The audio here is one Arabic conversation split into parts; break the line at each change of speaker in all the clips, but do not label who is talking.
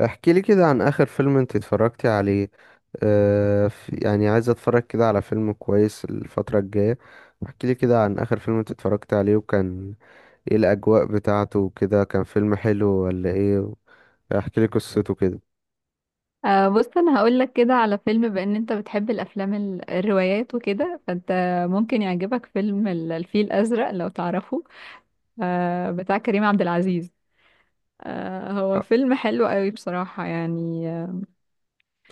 احكي لي كده عن اخر فيلم انت اتفرجتي عليه. يعني عايز اتفرج كده على فيلم كويس الفترة الجاية. احكي لي كده عن اخر فيلم انت اتفرجت عليه، وكان ايه الاجواء بتاعته وكده، كان فيلم حلو ولا ايه؟ احكي لي قصته كده.
بص انا هقول لك كده على فيلم، بان انت بتحب الافلام الروايات وكده، فانت ممكن يعجبك فيلم الفيل الازرق لو تعرفه. بتاع كريم عبد العزيز. هو فيلم حلو قوي بصراحة يعني.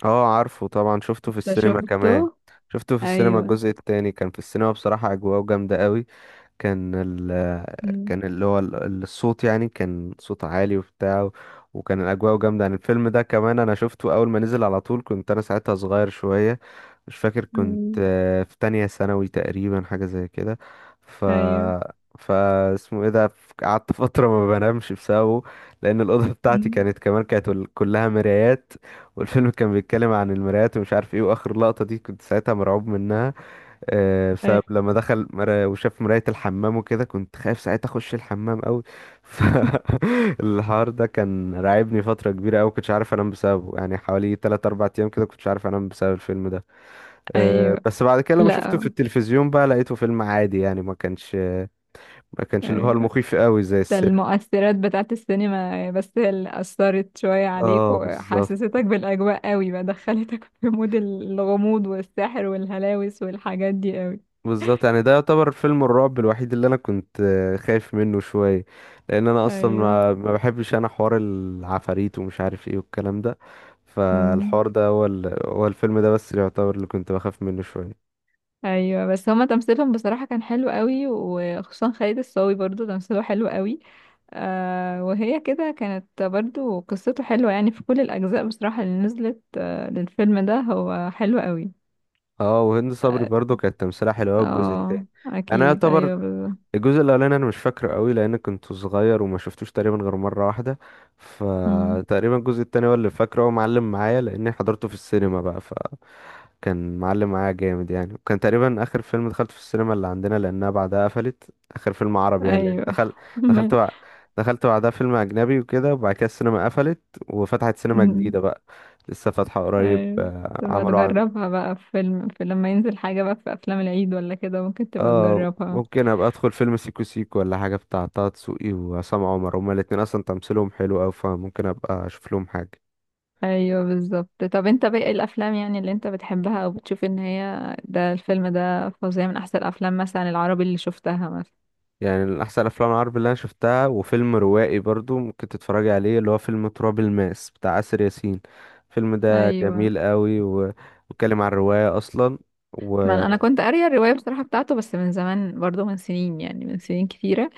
اه عارفه طبعا، شفته في
انت
السينما كمان.
شفته؟
شفته في السينما،
ايوه.
الجزء التاني كان في السينما، بصراحة اجواءه جامدة قوي. كان ال
مم.
كان اللي هو الصوت، يعني كان صوت عالي وبتاع، وكان الأجواء جامدة. يعني الفيلم ده كمان أنا شفته أول ما نزل على طول، كنت أنا ساعتها صغير شوية، مش فاكر، كنت
مم.
في تانية ثانوي تقريبا، حاجة زي كده. ف
ايوه.
فا اسمه ايه ده، قعدت فترة ما بنامش بسببه، لأن الأوضة بتاعتي
مم.
كانت كمان، كانت كلها مرايات، والفيلم كان بيتكلم عن المرايات ومش عارف ايه، وآخر لقطة دي كنت ساعتها مرعوب منها،
أي-
بسبب لما دخل وشاف مراية الحمام وكده، كنت خايف ساعتها اخش الحمام قوي فالحوار ده كان راعبني فترة كبيرة قوي، كنتش عارف انام بسببه، يعني حوالي 3 4 ايام كده كنتش عارف انام بسبب الفيلم ده.
ايوه.
بس بعد كده لما شفته
لا.
في التلفزيون بقى لقيته فيلم عادي، يعني ما كانش اللي هو
ايوه.
المخيف قوي زي
ده
السينما.
المؤثرات بتاعت السينما، بس هي اللي أثرت شوية عليك
اه بالظبط.
وحسستك بالأجواء قوي، بقى دخلتك في مود الغموض والسحر والهلاوس والحاجات دي قوي.
بالظبط، يعني ده يعتبر فيلم الرعب الوحيد اللي انا كنت خايف منه شويه، لان انا اصلا
أيوه.
ما بحبش انا حوار العفاريت ومش عارف ايه والكلام ده.
أمم.
فالحوار ده هو هو الفيلم ده بس اللي يعتبر اللي كنت بخاف منه شويه.
أيوه، بس هما تمثيلهم بصراحة كان حلو قوي، وخصوصا خالد الصاوي برضو تمثيله حلو قوي. وهي كده كانت برضو قصته حلوة، يعني في كل الأجزاء بصراحة اللي نزلت للفيلم ده هو حلو قوي.
اه وهند صبري
اه.
برضو كانت تمثيلها حلو أوي الجزء التاني. انا
أكيد،
يعتبر
أيوه، بالظبط.
الجزء الاولاني انا مش فاكره قوي، لان كنت صغير وما شفتوش تقريبا غير مره واحده. فتقريبا الجزء التاني هو اللي فاكره، هو معلم معايا لاني حضرته في السينما بقى، فكان معلم معايا جامد يعني، وكان تقريبا اخر فيلم دخلته في السينما اللي عندنا، لانها بعدها قفلت. اخر فيلم عربي يعني، لان
ايوه.
دخل دخلت
ما-
بع... دخلت بعدها فيلم اجنبي وكده، وبعد كده السينما قفلت. وفتحت سينما جديده بقى، لسه فاتحه قريب،
ايوه. تبقى
عملوا عن.
تجربها بقى في فيلم، في لما ينزل حاجة بقى في افلام العيد ولا كده، ممكن تبقى
اه
تجربها.
ممكن ابقى ادخل فيلم سيكو سيكو ولا حاجه بتاع طه دسوقي وعصام عمر، هما الاتنين اصلا تمثيلهم حلو اوي، فممكن ابقى اشوف لهم حاجه.
ايوه، بالظبط. طب انت باقي الافلام يعني اللي انت بتحبها او بتشوف ان هي ده الفيلم ده فظيع، من احسن الافلام مثلا العربي اللي شفتها مثلا؟
يعني من احسن الافلام العربي اللي انا شفتها وفيلم روائي برضو ممكن تتفرجي عليه، اللي هو فيلم تراب الماس بتاع آسر ياسين. الفيلم ده
ايوه،
جميل قوي واتكلم عن الروايه اصلا.
ما أنا
وانا
كنت قارية الرواية بصراحة بتاعته، بس من زمان برضو، من سنين، يعني من سنين كتيرة.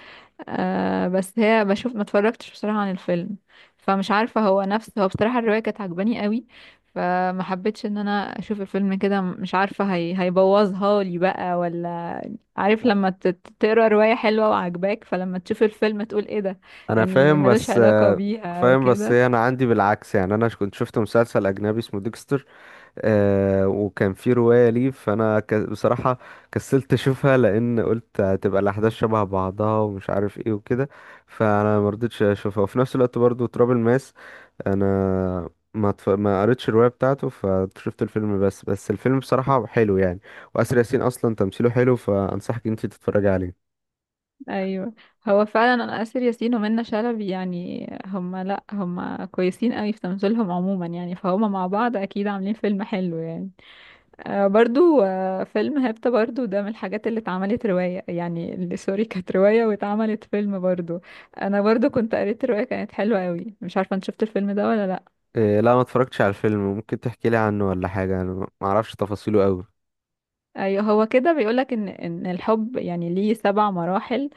بس هي بشوف ما اتفرجتش بصراحة عن الفيلم. فمش عارفة هو نفسه، هو بصراحة الرواية كانت عجباني قوي. فما حبيتش ان انا اشوف الفيلم كده، مش عارفة هي هيبوظها لي بقى ولا. عارف لما تقرا رواية حلوة وعجباك، فلما تشوف الفيلم تقول ايه ده؟ يعني
فاهم
ملوش
بس.
علاقة بيها
فاهم، بس
وكده.
هي انا عندي بالعكس. يعني انا كنت شفت مسلسل اجنبي اسمه ديكستر، آه وكان في رواية ليه، بصراحة كسلت أشوفها، لأن قلت هتبقى الأحداث شبه بعضها ومش عارف إيه وكده، فأنا مرضتش أشوفها. وفي نفس الوقت برضو تراب الماس أنا ما قريتش الرواية بتاعته، فشفت الفيلم، بس الفيلم بصراحة حلو يعني، وآسر ياسين أصلا تمثيله حلو، فأنصحك أنت تتفرجي عليه.
ايوه، هو فعلا انا آسر ياسين ومنى شلبي يعني هما، لا هما كويسين قوي في تمثيلهم عموما يعني، فهما مع بعض اكيد عاملين فيلم حلو يعني. برضو فيلم هيبتا برضو ده من الحاجات اللي اتعملت رواية، يعني اللي سوري كانت رواية واتعملت فيلم برضو. انا برضو كنت قريت رواية كانت حلوة قوي، مش عارفة انت شفت الفيلم ده ولا لا.
آه لا، ما اتفرجتش على الفيلم، ممكن تحكي لي عنه ولا حاجة، أنا ما أعرفش تفاصيله أوي.
ايوه، هو كده بيقولك ان الحب يعني ليه 7 مراحل.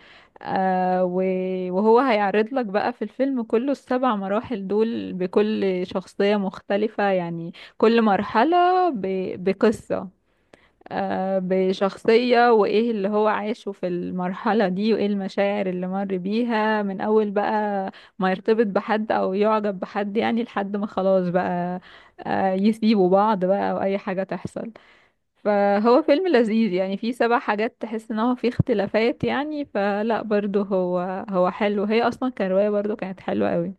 وهو هيعرض لك بقى في الفيلم كله السبع مراحل دول بكل شخصية مختلفة، يعني كل مرحلة بقصة. بشخصية، وإيه اللي هو عاشه في المرحلة دي، وإيه المشاعر اللي مر بيها من أول بقى، ما يرتبط بحد أو يعجب بحد يعني لحد ما خلاص بقى، يسيبوا بعض بقى أو أي حاجة تحصل. فهو فيلم لذيذ يعني، فيه 7 حاجات تحس إن هو فيه اختلافات يعني، فلا برضو هو حلو، هي أصلا كرواية برضو كانت حلوة قوي.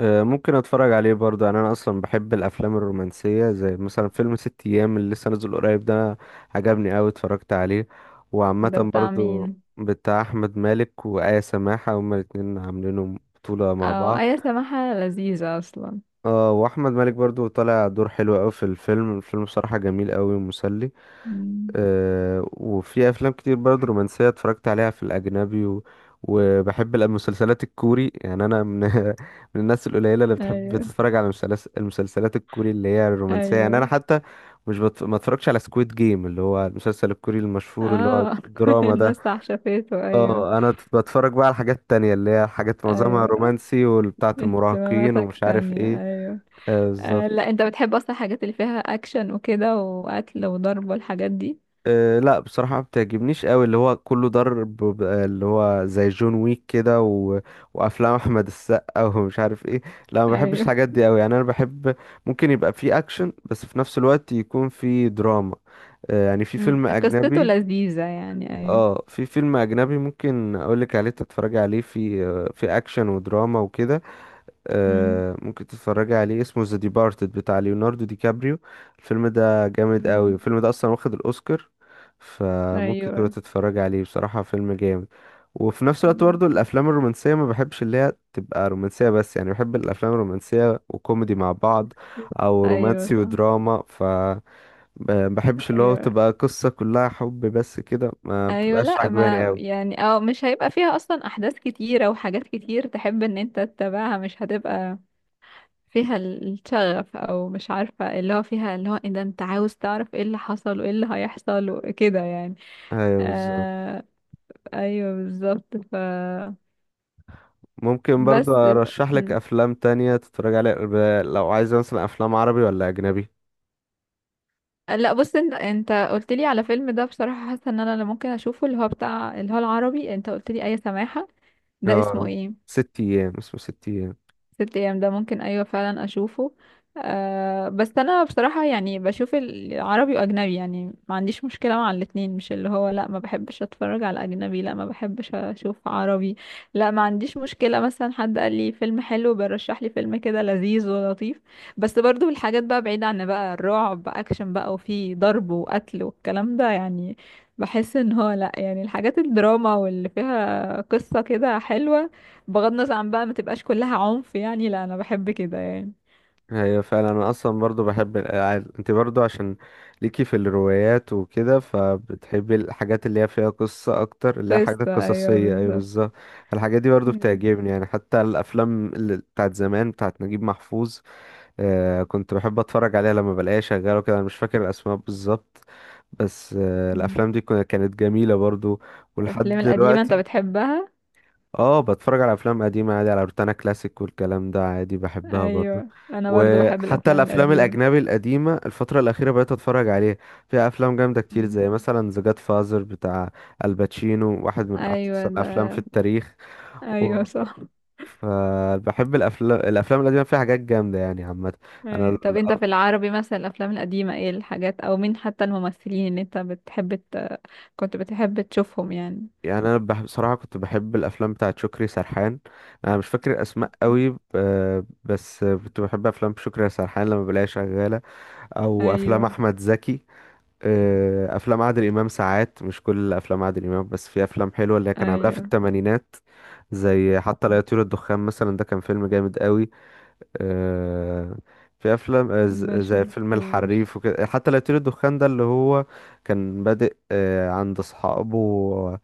ممكن اتفرج عليه برضه. يعني انا اصلا بحب الافلام الرومانسيه، زي مثلا فيلم ست ايام اللي لسه نازل قريب ده، عجبني أوي اتفرجت عليه. وعامه
ده بتاع
برضه.
مين؟
بتاع احمد مالك وآية سماحه، هما الاتنين عاملينهم بطوله مع
أو
بعض.
آية سماحة لذيذة أصلا.
اه واحمد مالك برضه طالع دور حلو أوي في الفيلم، الفيلم بصراحه جميل أوي ومسلي.
مم.
وفي افلام كتير برضه رومانسيه اتفرجت عليها في الاجنبي وبحب المسلسلات الكوري. يعني انا من من الناس القليله اللي بتحب
أيوه،
تتفرج على المسلسلات الكوري اللي هي الرومانسيه. يعني انا
أيوه.
حتى مش بت... ما اتفرجش على سكويد جيم اللي هو المسلسل الكوري المشهور اللي هو
اه، كل
الدراما ده.
الناس عشفته، ايوه.
اه انا بتفرج بقى على حاجات تانية اللي هي حاجات معظمها
ايوه،
رومانسي وبتاعه المراهقين
اهتماماتك
ومش عارف
ثانية،
ايه.
ايوه.
بالظبط.
لا، انت بتحب اصلا الحاجات اللي فيها اكشن وكده، وقتل وضرب والحاجات دي.
أه لا بصراحة ما بتعجبنيش قوي اللي هو كله ضرب، اللي هو زي جون ويك كده وافلام احمد السقا ومش عارف ايه. لا ما بحبش
ايوه.
الحاجات دي قوي، يعني انا بحب ممكن يبقى فيه اكشن بس في نفس الوقت يكون فيه دراما. أه يعني في
مم.
فيلم
قصته
اجنبي.
لذيذة يعني، ايوه.
اه في فيلم اجنبي ممكن اقولك عليه تتفرجي عليه، في في اكشن ودراما وكده،
مم.
ممكن تتفرجي عليه، اسمه ذا ديبارتد بتاع ليوناردو دي كابريو. الفيلم ده جامد قوي،
مم.
الفيلم ده اصلا واخد الاوسكار، فممكن تبقى
ايوه.
تتفرجي عليه، بصراحة فيلم جامد. وفي نفس الوقت برضه
مم.
الافلام الرومانسيه ما بحبش اللي هي تبقى رومانسيه بس. يعني بحب الافلام الرومانسيه وكوميدي مع بعض، او
ايوه،
رومانسي
صح.
ودراما. ف بحبش اللي هو
ايوه،
تبقى قصه كلها حب بس كده، ما
ايوه،
بتبقاش
لا
عجباني
ما
قوي.
يعني، مش هيبقى فيها اصلا احداث كتيرة وحاجات كتير تحب ان انت تتابعها، مش هتبقى فيها الشغف، او مش عارفه اللي هو فيها اللي هو إيه ده، انت عاوز تعرف ايه اللي حصل وايه اللي هيحصل وكده يعني.
ايوه.
آه. ايوه، بالظبط.
ممكن برضو
بس. ف...
ارشح لك
م.
افلام تانية تتفرج عليها، لو عايزة مثلا افلام عربي ولا اجنبي.
لا، بص، انت قلت لي على فيلم ده بصراحه، حاسه ان انا اللي ممكن اشوفه اللي هو بتاع اللي هو العربي، انت قلت لي اي سماحه. ده
اه
اسمه ايه؟
ست ايام، اسمه ست ايام.
ست ايام، ده ممكن، ايوه فعلا اشوفه. بس انا بصراحة يعني بشوف العربي واجنبي، يعني ما عنديش مشكلة مع الاتنين، مش اللي هو لا ما بحبش اتفرج على اجنبي، لا ما بحبش اشوف عربي. لا، ما عنديش مشكلة، مثلا حد قال لي فيلم حلو بيرشح لي فيلم كده لذيذ ولطيف. بس برضو الحاجات بقى بعيدة عن بقى الرعب، اكشن بقى وفي ضرب وقتل والكلام ده يعني. بحس ان هو لا يعني الحاجات الدراما واللي فيها قصة كده حلوة، بغض النظر عن بقى ما تبقاش كلها عنف يعني، لا انا بحب كده يعني.
هي فعلا انا اصلا برضو بحب الالعاب انت برضو، عشان ليكي في الروايات وكده، فبتحبي الحاجات اللي هي فيها قصة اكتر، اللي هي حاجات
قصة، ايوه،
قصصية، ايوه
بالظبط.
بالظبط. الحاجات دي برضو
ايوه.
بتعجبني، يعني حتى الافلام اللي بتاعت زمان بتاعت نجيب محفوظ، آه كنت بحب اتفرج عليها لما بلاقيها شغاله كده. انا مش فاكر الاسماء بالظبط، بس آه
مم.
الافلام دي كانت جميله برضو. ولحد
الافلام القديمة انت
دلوقتي
بتحبها؟
اه بتفرج على افلام قديمه عادي على روتانا كلاسيك والكلام ده عادي، بحبها برضو.
ايوه، انا برضو بحب
وحتى
الافلام
الافلام
القديمة.
الاجنبي القديمه الفتره الاخيره بقيت اتفرج عليها، فيها افلام جامده كتير
مم.
زي مثلا ذا جاد فازر بتاع الباتشينو، واحد من احسن
ايوه،
الافلام
ده
في التاريخ. و...
ايوه صح.
فبحب الافلام القديمه، فيها حاجات جامده يعني عامه.
أيوة.
انا
طب انت في العربي مثلا الافلام القديمة، ايه الحاجات او مين حتى الممثلين اللي انت بتحب كنت بتحب تشوفهم يعني؟
بصراحه كنت بحب الافلام بتاعه شكري سرحان، انا مش فاكر الاسماء
مم.
قوي، بس كنت بحب افلام شكري سرحان لما بلاقيها شغاله، او افلام
ايوه.
احمد زكي، افلام عادل امام ساعات، مش كل افلام عادل امام بس في افلام حلوه اللي كان عاملها في
ايوه.
الثمانينات، زي حتى لا يطير الدخان مثلا ده كان فيلم جامد قوي. آه، في افلام
ما
زي فيلم
شفتوش.
الحريف وكده. حتى لا يطير الدخان ده اللي هو كان بادئ عند اصحابه،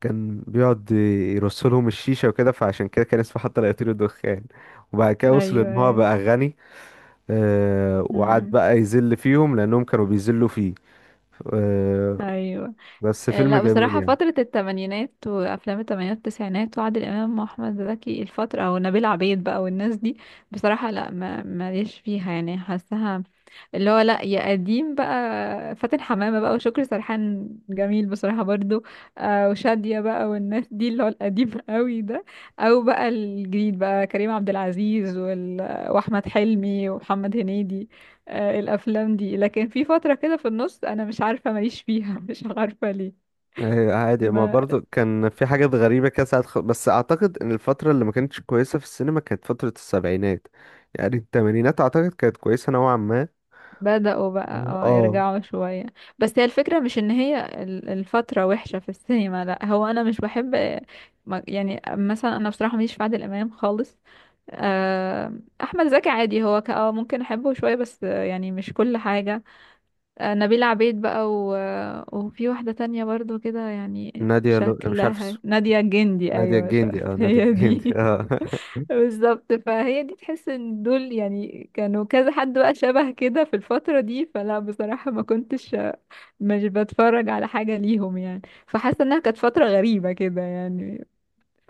كان بيقعد يرسلهم الشيشة وكده، فعشان كده كان اسمه حتى لا يطير الدخان. وبعد كده
ايوه.
وصل ان هو
ايوه.
بقى غني، وقعد
مم.
بقى يذل فيهم لانهم كانوا بيذلوا فيه. آه،
ايوه.
بس فيلم
لا،
جميل
بصراحة
يعني.
فترة التمانينات وأفلام التمانينات والتسعينات وعادل إمام وأحمد زكي، الفترة أو نبيل عبيد بقى والناس دي بصراحة لا ما ماليش فيها يعني حاسها، اللي هو لا، يا قديم بقى. فاتن حمامة بقى وشكري سرحان جميل بصراحة برضو. وشادية بقى والناس دي اللي هو القديم قوي ده. أو بقى الجديد بقى كريم عبد العزيز وأحمد حلمي ومحمد هنيدي. الأفلام دي، لكن في فترة كده في النص أنا مش عارفة ماليش فيها مش عارفة ليه.
عادي، ما
ما
برضو كان في حاجات غريبة كده ساعات بس اعتقد ان الفترة اللي ما كانتش كويسة في السينما كانت فترة السبعينات، يعني التمانينات اعتقد كانت كويسة نوعا ما.
بدأوا بقى
اه
يرجعوا شوية. بس هي الفكرة مش ان هي الفترة وحشة في السينما، لا هو انا مش بحب. يعني مثلا انا بصراحة ماليش في عادل امام خالص. آه، احمد زكي عادي، هو ممكن احبه شوية، بس يعني مش كل حاجة. نبيلة عبيد بقى. وفي واحدة تانية برضو كده يعني
مش عارف
شكلها
اسمه،
نادية جندي،
نادية
ايوه
الجندي، اه نادية
هي
الجندي
دي.
اه
بالظبط، فهي دي تحس ان دول يعني كانوا كذا حد بقى شبه كده في الفترة دي، فلا بصراحة ما كنتش مش بتفرج على حاجة ليهم يعني، فحاسة انها كانت فترة غريبة كده يعني.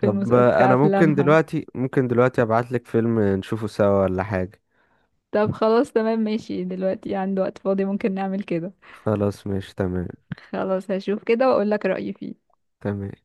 في
انا ممكن
افلامها.
دلوقتي ابعت لك فيلم نشوفه سوا ولا حاجة.
طب خلاص، تمام ماشي، دلوقتي عنده وقت فاضي ممكن نعمل كده.
خلاص ماشي تمام.
خلاص، هشوف كده واقول لك رأيي فيه.
تمام.